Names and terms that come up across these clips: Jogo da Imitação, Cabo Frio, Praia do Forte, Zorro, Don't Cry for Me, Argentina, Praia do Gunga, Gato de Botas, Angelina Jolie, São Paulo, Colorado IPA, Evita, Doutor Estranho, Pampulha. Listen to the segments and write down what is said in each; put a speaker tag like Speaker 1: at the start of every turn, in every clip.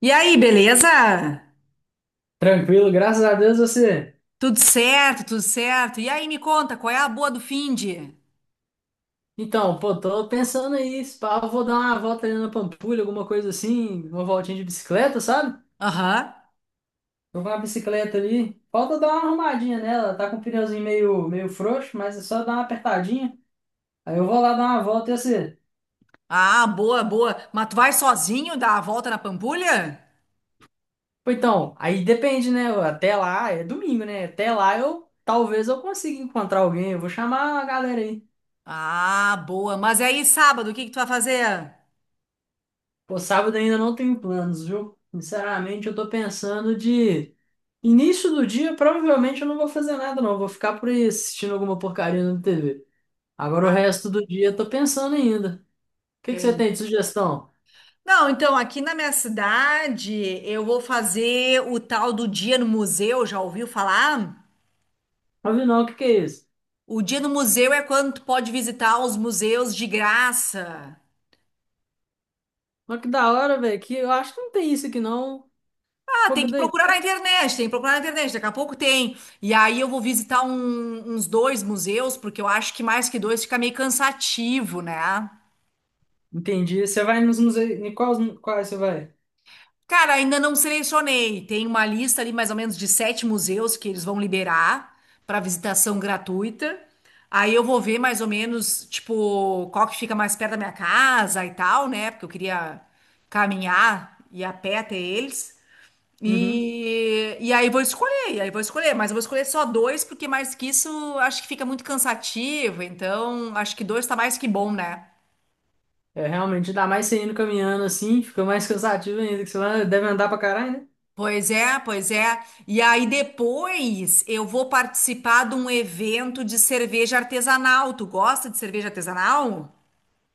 Speaker 1: E aí, beleza?
Speaker 2: Tranquilo, graças a Deus. Você.
Speaker 1: Tudo certo, tudo certo. E aí, me conta, qual é a boa do finde?
Speaker 2: Pô, tô pensando aí, se pá, eu vou dar uma volta ali na Pampulha, alguma coisa assim, uma voltinha de bicicleta, sabe?
Speaker 1: Aham.
Speaker 2: Tô com uma bicicleta ali. Falta dar uma arrumadinha nela, tá com o pneuzinho meio frouxo, mas é só dar uma apertadinha. Aí eu vou lá dar uma volta. E você.
Speaker 1: Ah, boa, boa. Mas tu vai sozinho dar a volta na Pampulha?
Speaker 2: Pô, então, aí depende, né? Até lá, é domingo, né? Até lá eu talvez eu consiga encontrar alguém, eu vou chamar a galera aí.
Speaker 1: Ah, boa. Mas aí, sábado, o que que tu vai fazer?
Speaker 2: Pô, sábado ainda não tenho planos, viu? Sinceramente, eu tô pensando de... Início do dia, provavelmente eu não vou fazer nada, não. Eu vou ficar por aí assistindo alguma porcaria na TV. Agora o
Speaker 1: Ah,
Speaker 2: resto do dia eu tô pensando ainda. O que que você
Speaker 1: tem.
Speaker 2: tem de sugestão?
Speaker 1: Não, então, aqui na minha cidade, eu vou fazer o tal do Dia no Museu, já ouviu falar?
Speaker 2: Não vi, não. O que que é isso?
Speaker 1: O Dia no Museu é quando tu pode visitar os museus de graça.
Speaker 2: Mas que da hora, velho, que eu acho que não tem isso aqui, não.
Speaker 1: Ah,
Speaker 2: Pô,
Speaker 1: tem
Speaker 2: que
Speaker 1: que
Speaker 2: daí?
Speaker 1: procurar na internet, tem que procurar na internet, daqui a pouco tem. E aí eu vou visitar uns dois museus, porque eu acho que mais que dois fica meio cansativo, né?
Speaker 2: Entendi. Você vai nos museus. Em quais você vai?
Speaker 1: Cara, ainda não selecionei. Tem uma lista ali mais ou menos de sete museus que eles vão liberar para visitação gratuita. Aí eu vou ver mais ou menos, tipo, qual que fica mais perto da minha casa e tal, né? Porque eu queria caminhar e ir a pé até eles.
Speaker 2: Uhum.
Speaker 1: E aí vou escolher, e aí vou escolher, mas eu vou escolher só dois, porque mais que isso acho que fica muito cansativo, então acho que dois tá mais que bom, né?
Speaker 2: É, realmente, ainda mais você indo caminhando assim, fica mais cansativo ainda, que você deve andar pra caralho, né?
Speaker 1: Pois é, pois é. E aí depois eu vou participar de um evento de cerveja artesanal. Tu gosta de cerveja artesanal?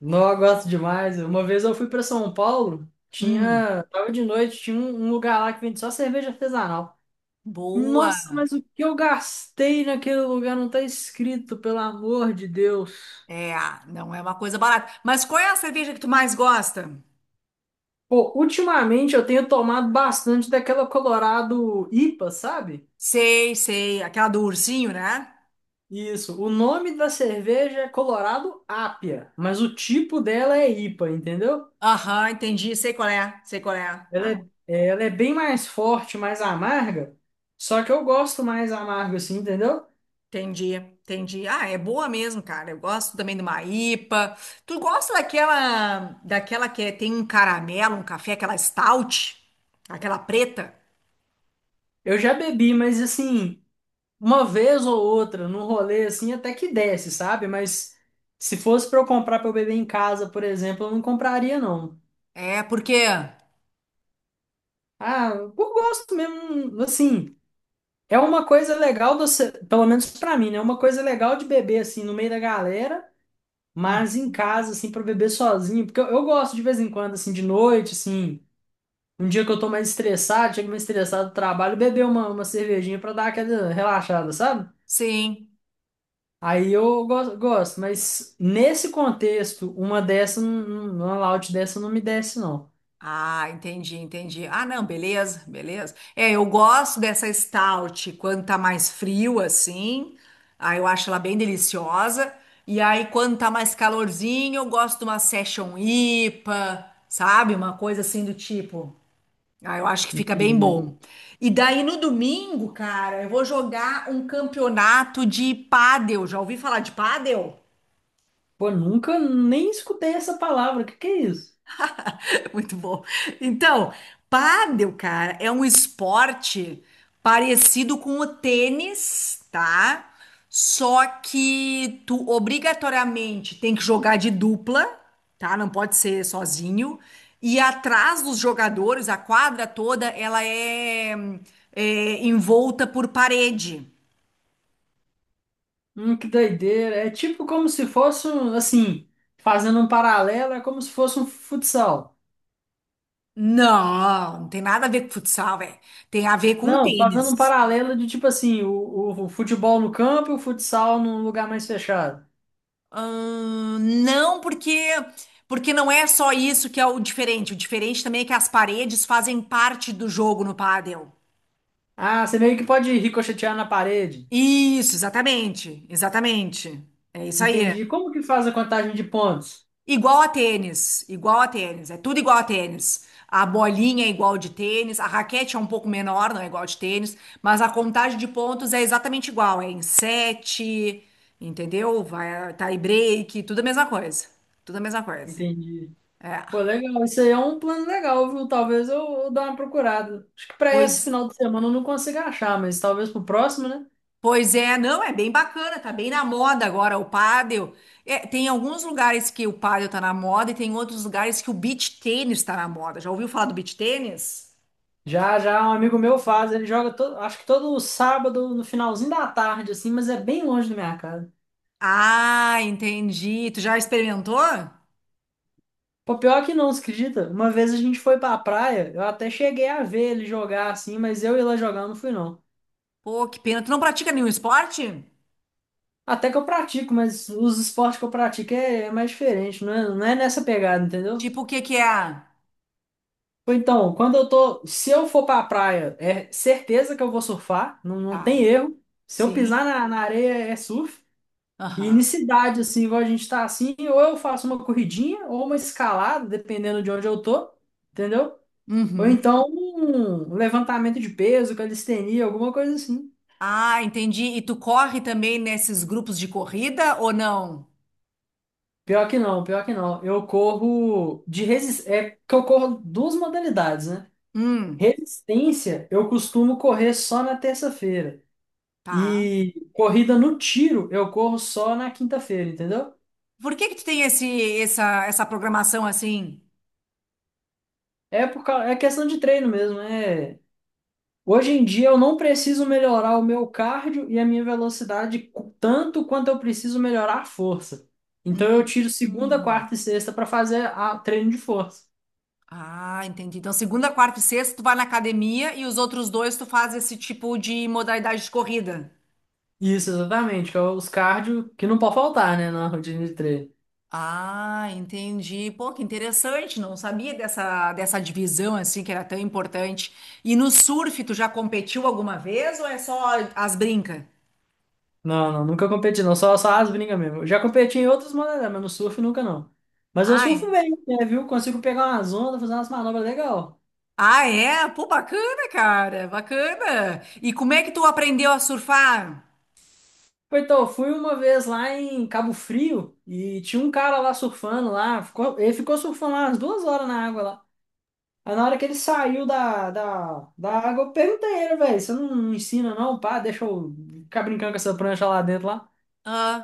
Speaker 2: Não, eu gosto demais. Uma vez eu fui pra São Paulo,
Speaker 1: Hum,
Speaker 2: tinha. Tava de noite, tinha um lugar lá que vende só cerveja artesanal. Nossa,
Speaker 1: boa.
Speaker 2: mas o que eu gastei naquele lugar não tá escrito, pelo amor de Deus.
Speaker 1: É, não é uma coisa barata. Mas qual é a cerveja que tu mais gosta?
Speaker 2: Pô, ultimamente eu tenho tomado bastante daquela Colorado IPA, sabe?
Speaker 1: Sei, sei, aquela do ursinho, né?
Speaker 2: Isso, o nome da cerveja é Colorado Apia, mas o tipo dela é IPA, entendeu?
Speaker 1: Aham, entendi, sei qual é, sei qual é.
Speaker 2: Ela
Speaker 1: Ah,
Speaker 2: é, é, ela é bem mais forte, mais amarga, só que eu gosto mais amargo assim, entendeu?
Speaker 1: entendi, entendi. Ah, é boa mesmo, cara. Eu gosto também de uma IPA. Tu gosta daquela, daquela que tem um caramelo, um café, aquela stout, aquela preta?
Speaker 2: Eu já bebi, mas assim, uma vez ou outra, num rolê assim, até que desce, sabe? Mas se fosse pra eu comprar pra eu beber em casa, por exemplo, eu não compraria, não.
Speaker 1: É, por quê?
Speaker 2: Ah, eu gosto mesmo, assim. É uma coisa legal, pelo menos pra mim, né? É uma coisa legal de beber, assim, no meio da galera,
Speaker 1: Hum.
Speaker 2: mas em casa, assim, pra beber sozinho. Porque eu gosto de vez em quando, assim, de noite, assim. Um dia que eu tô mais estressado, chego mais estressado do trabalho, beber uma cervejinha pra dar aquela relaxada, sabe?
Speaker 1: Sim.
Speaker 2: Aí eu gosto, mas nesse contexto, uma dessa, uma loud dessa não me desce, não.
Speaker 1: Ah, entendi, entendi. Ah, não, beleza, beleza. É, eu gosto dessa stout quando tá mais frio assim. Aí eu acho ela bem deliciosa. E aí quando tá mais calorzinho, eu gosto de uma session IPA, sabe? Uma coisa assim do tipo. Ah, eu acho que fica bem
Speaker 2: Entendi.
Speaker 1: bom. E daí no domingo, cara, eu vou jogar um campeonato de pádel. Já ouvi falar de pádel?
Speaker 2: Pô, nunca nem escutei essa palavra. O que que é isso?
Speaker 1: Muito bom. Então, pádel, cara, é um esporte parecido com o tênis, tá? Só que tu obrigatoriamente tem que jogar de dupla, tá? Não pode ser sozinho. E atrás dos jogadores, a quadra toda, é envolta por parede.
Speaker 2: Que doideira. É tipo como se fosse um, assim, fazendo um paralelo, é como se fosse um futsal.
Speaker 1: Não, não tem nada a ver com futsal, velho. Tem a ver com
Speaker 2: Não, fazendo um
Speaker 1: tênis.
Speaker 2: paralelo de tipo assim, o futebol no campo e o futsal num lugar mais fechado.
Speaker 1: Não, porque não é só isso que é o diferente. O diferente também é que as paredes fazem parte do jogo no pádel.
Speaker 2: Ah, você meio que pode ricochetear na parede.
Speaker 1: Isso, exatamente. Exatamente. É isso aí.
Speaker 2: Entendi. Como que faz a contagem de pontos?
Speaker 1: Igual a tênis, é tudo igual a tênis. A bolinha é igual de tênis, a raquete é um pouco menor, não é igual de tênis, mas a contagem de pontos é exatamente igual, é em sete, entendeu? Vai tie break, tudo a mesma coisa. Tudo a mesma coisa.
Speaker 2: Entendi.
Speaker 1: É.
Speaker 2: Pô, legal. Isso aí é um plano legal, viu? Eu dê uma procurada. Acho que para esse
Speaker 1: Pois,
Speaker 2: final de semana eu não consigo achar, mas talvez pro próximo, né?
Speaker 1: pois é, não, é bem bacana, tá bem na moda agora o pádel. É, tem alguns lugares que o pádel tá na moda e tem outros lugares que o beach tênis tá na moda. Já ouviu falar do beach tênis?
Speaker 2: Já, um amigo meu faz, ele joga todo, acho que todo sábado no finalzinho da tarde, assim, mas é bem longe da minha casa.
Speaker 1: Ah, entendi. Tu já experimentou?
Speaker 2: Pô, pior que não, você acredita? Uma vez a gente foi pra praia, eu até cheguei a ver ele jogar assim, mas eu ir lá jogar não fui, não.
Speaker 1: Pô, que pena. Tu não pratica nenhum esporte?
Speaker 2: Até que eu pratico, mas os esportes que eu pratico é mais diferente, não é nessa pegada, entendeu?
Speaker 1: Tipo, o que que é?
Speaker 2: Ou Então, quando eu tô, se eu for pra praia, é certeza que eu vou surfar, não, não tem
Speaker 1: Ah,
Speaker 2: erro. Se eu
Speaker 1: sim.
Speaker 2: pisar na areia, é surf. E em
Speaker 1: Aham.
Speaker 2: cidade, assim, igual a gente tá assim, ou eu faço uma corridinha ou uma escalada, dependendo de onde eu tô, entendeu? Ou
Speaker 1: Uhum.
Speaker 2: então um levantamento de peso, calistenia, alguma coisa assim.
Speaker 1: Ah, entendi. E tu corre também nesses grupos de corrida ou não?
Speaker 2: Pior que não. Eu corro de resistência, é que eu corro duas modalidades, né?
Speaker 1: Hum,
Speaker 2: Resistência, eu costumo correr só na terça-feira.
Speaker 1: tá.
Speaker 2: E corrida no tiro eu corro só na quinta-feira, entendeu?
Speaker 1: Por que que tu tem essa programação assim?
Speaker 2: É questão de treino mesmo. É... Hoje em dia eu não preciso melhorar o meu cardio e a minha velocidade tanto quanto eu preciso melhorar a força. Então eu
Speaker 1: Hum.
Speaker 2: tiro segunda,
Speaker 1: Hum.
Speaker 2: quarta e sexta para fazer a treino de força.
Speaker 1: Ah, entendi. Então, segunda, quarta e sexta, tu vai na academia e os outros dois tu faz esse tipo de modalidade de corrida.
Speaker 2: Isso, exatamente, que é os cardio que não pode faltar, né, na rotina de treino.
Speaker 1: Ah, entendi. Pô, que interessante. Não sabia dessa divisão assim que era tão importante. E no surf, tu já competiu alguma vez ou é só as brincas?
Speaker 2: Não, nunca competi, não, só as brincas mesmo. Eu já competi em outras modalidades, mas no surf nunca, não. Mas eu
Speaker 1: Ah, é?
Speaker 2: surfo bem, né, viu? Consigo pegar umas ondas, fazer umas manobras legal.
Speaker 1: Ah, é? Pô, bacana, cara. Bacana. E como é que tu aprendeu a surfar?
Speaker 2: Então, eu fui uma vez lá em Cabo Frio e tinha um cara lá surfando lá, ele ficou surfando lá umas duas horas na água lá. Aí na hora que ele saiu da água, eu perguntei a ele, velho, você não ensina, não, pá, deixa eu ficar brincando com essa prancha lá dentro lá.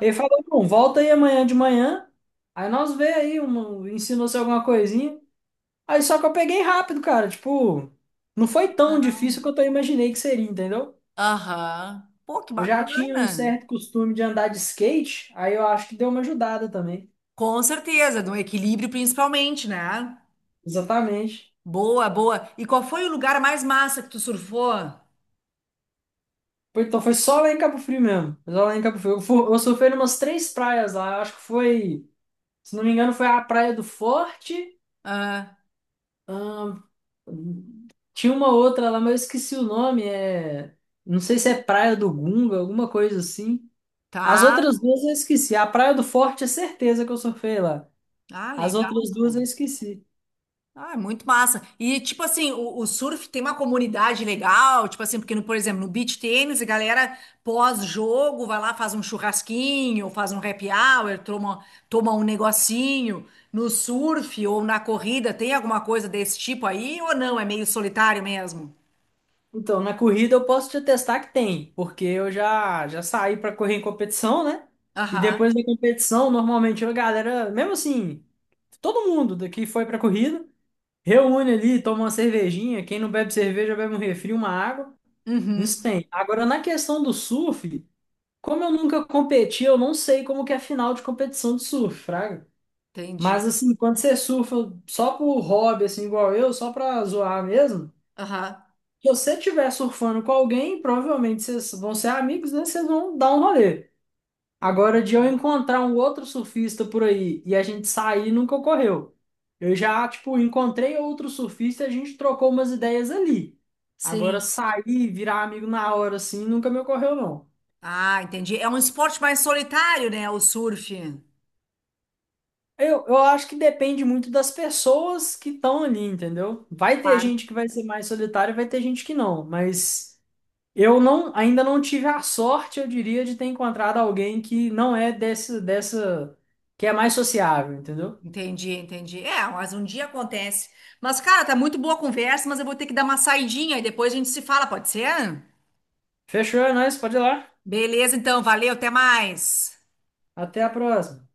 Speaker 2: Ele falou, não, volta aí amanhã de manhã, aí nós vê aí, ensinou-se alguma coisinha. Aí só que eu peguei rápido, cara. Tipo, não
Speaker 1: que
Speaker 2: foi tão difícil
Speaker 1: legal.
Speaker 2: quanto eu imaginei que seria, entendeu?
Speaker 1: Aham. Pô, que
Speaker 2: Eu já tinha um
Speaker 1: bacana.
Speaker 2: certo costume de andar de skate, aí eu acho que deu uma ajudada também.
Speaker 1: Com certeza, do equilíbrio principalmente, né?
Speaker 2: Exatamente.
Speaker 1: Boa, boa. E qual foi o lugar mais massa que tu surfou?
Speaker 2: Então foi só lá em Cabo Frio mesmo. Foi só lá em Cabo Frio. Eu surfei numas três praias lá. Eu acho que foi, se não me engano, foi a Praia do Forte.
Speaker 1: Ah,
Speaker 2: ahn, Tinha uma outra lá, mas eu esqueci o nome. É, não sei se é Praia do Gunga, alguma coisa assim. As
Speaker 1: tá.
Speaker 2: outras duas eu esqueci. A Praia do Forte é certeza que eu surfei lá.
Speaker 1: Ah,
Speaker 2: As
Speaker 1: legal.
Speaker 2: outras duas eu esqueci.
Speaker 1: Ah, é muito massa. E, tipo assim, o surf tem uma comunidade legal, tipo assim, porque, no, por exemplo, no beach tênis, a galera pós-jogo vai lá, faz um churrasquinho, faz um happy hour, toma, toma um negocinho. No surf ou na corrida, tem alguma coisa desse tipo aí ou não? É meio solitário mesmo?
Speaker 2: Então, na corrida eu posso te atestar que tem, porque eu já saí para correr em competição, né? E depois
Speaker 1: Aham.
Speaker 2: da competição, normalmente a galera, mesmo assim, todo mundo daqui foi pra corrida, reúne ali, toma uma cervejinha, quem não bebe cerveja bebe um refri, uma água.
Speaker 1: Uhum.
Speaker 2: Isso tem. Agora, na questão do surf, como eu nunca competi, eu não sei como que é a final de competição de surf, fraga.
Speaker 1: Entendi.
Speaker 2: Mas assim, quando você surfa só por hobby, assim, igual eu, só pra zoar mesmo,
Speaker 1: Aham.
Speaker 2: se você estiver surfando com alguém, provavelmente vocês vão ser amigos, né? Vocês vão dar um rolê. Agora, de eu encontrar um outro surfista por aí e a gente sair, nunca ocorreu. Eu já, tipo, encontrei outro surfista e a gente trocou umas ideias ali. Agora,
Speaker 1: Sim.
Speaker 2: sair, virar amigo na hora, assim, nunca me ocorreu, não.
Speaker 1: Ah, entendi. É um esporte mais solitário, né? O surf.
Speaker 2: Eu acho que depende muito das pessoas que estão ali, entendeu? Vai ter
Speaker 1: Claro.
Speaker 2: gente que vai ser mais solitária, vai ter gente que não, mas eu não, ainda não tive a sorte, eu diria, de ter encontrado alguém que não é desse, que é mais sociável, entendeu?
Speaker 1: Entendi, entendi. É, mas um dia acontece. Mas, cara, tá muito boa a conversa, mas eu vou ter que dar uma saidinha e depois a gente se fala, pode ser?
Speaker 2: Fechou, é nóis, pode ir lá.
Speaker 1: Beleza, então, valeu, até mais.
Speaker 2: Até a próxima.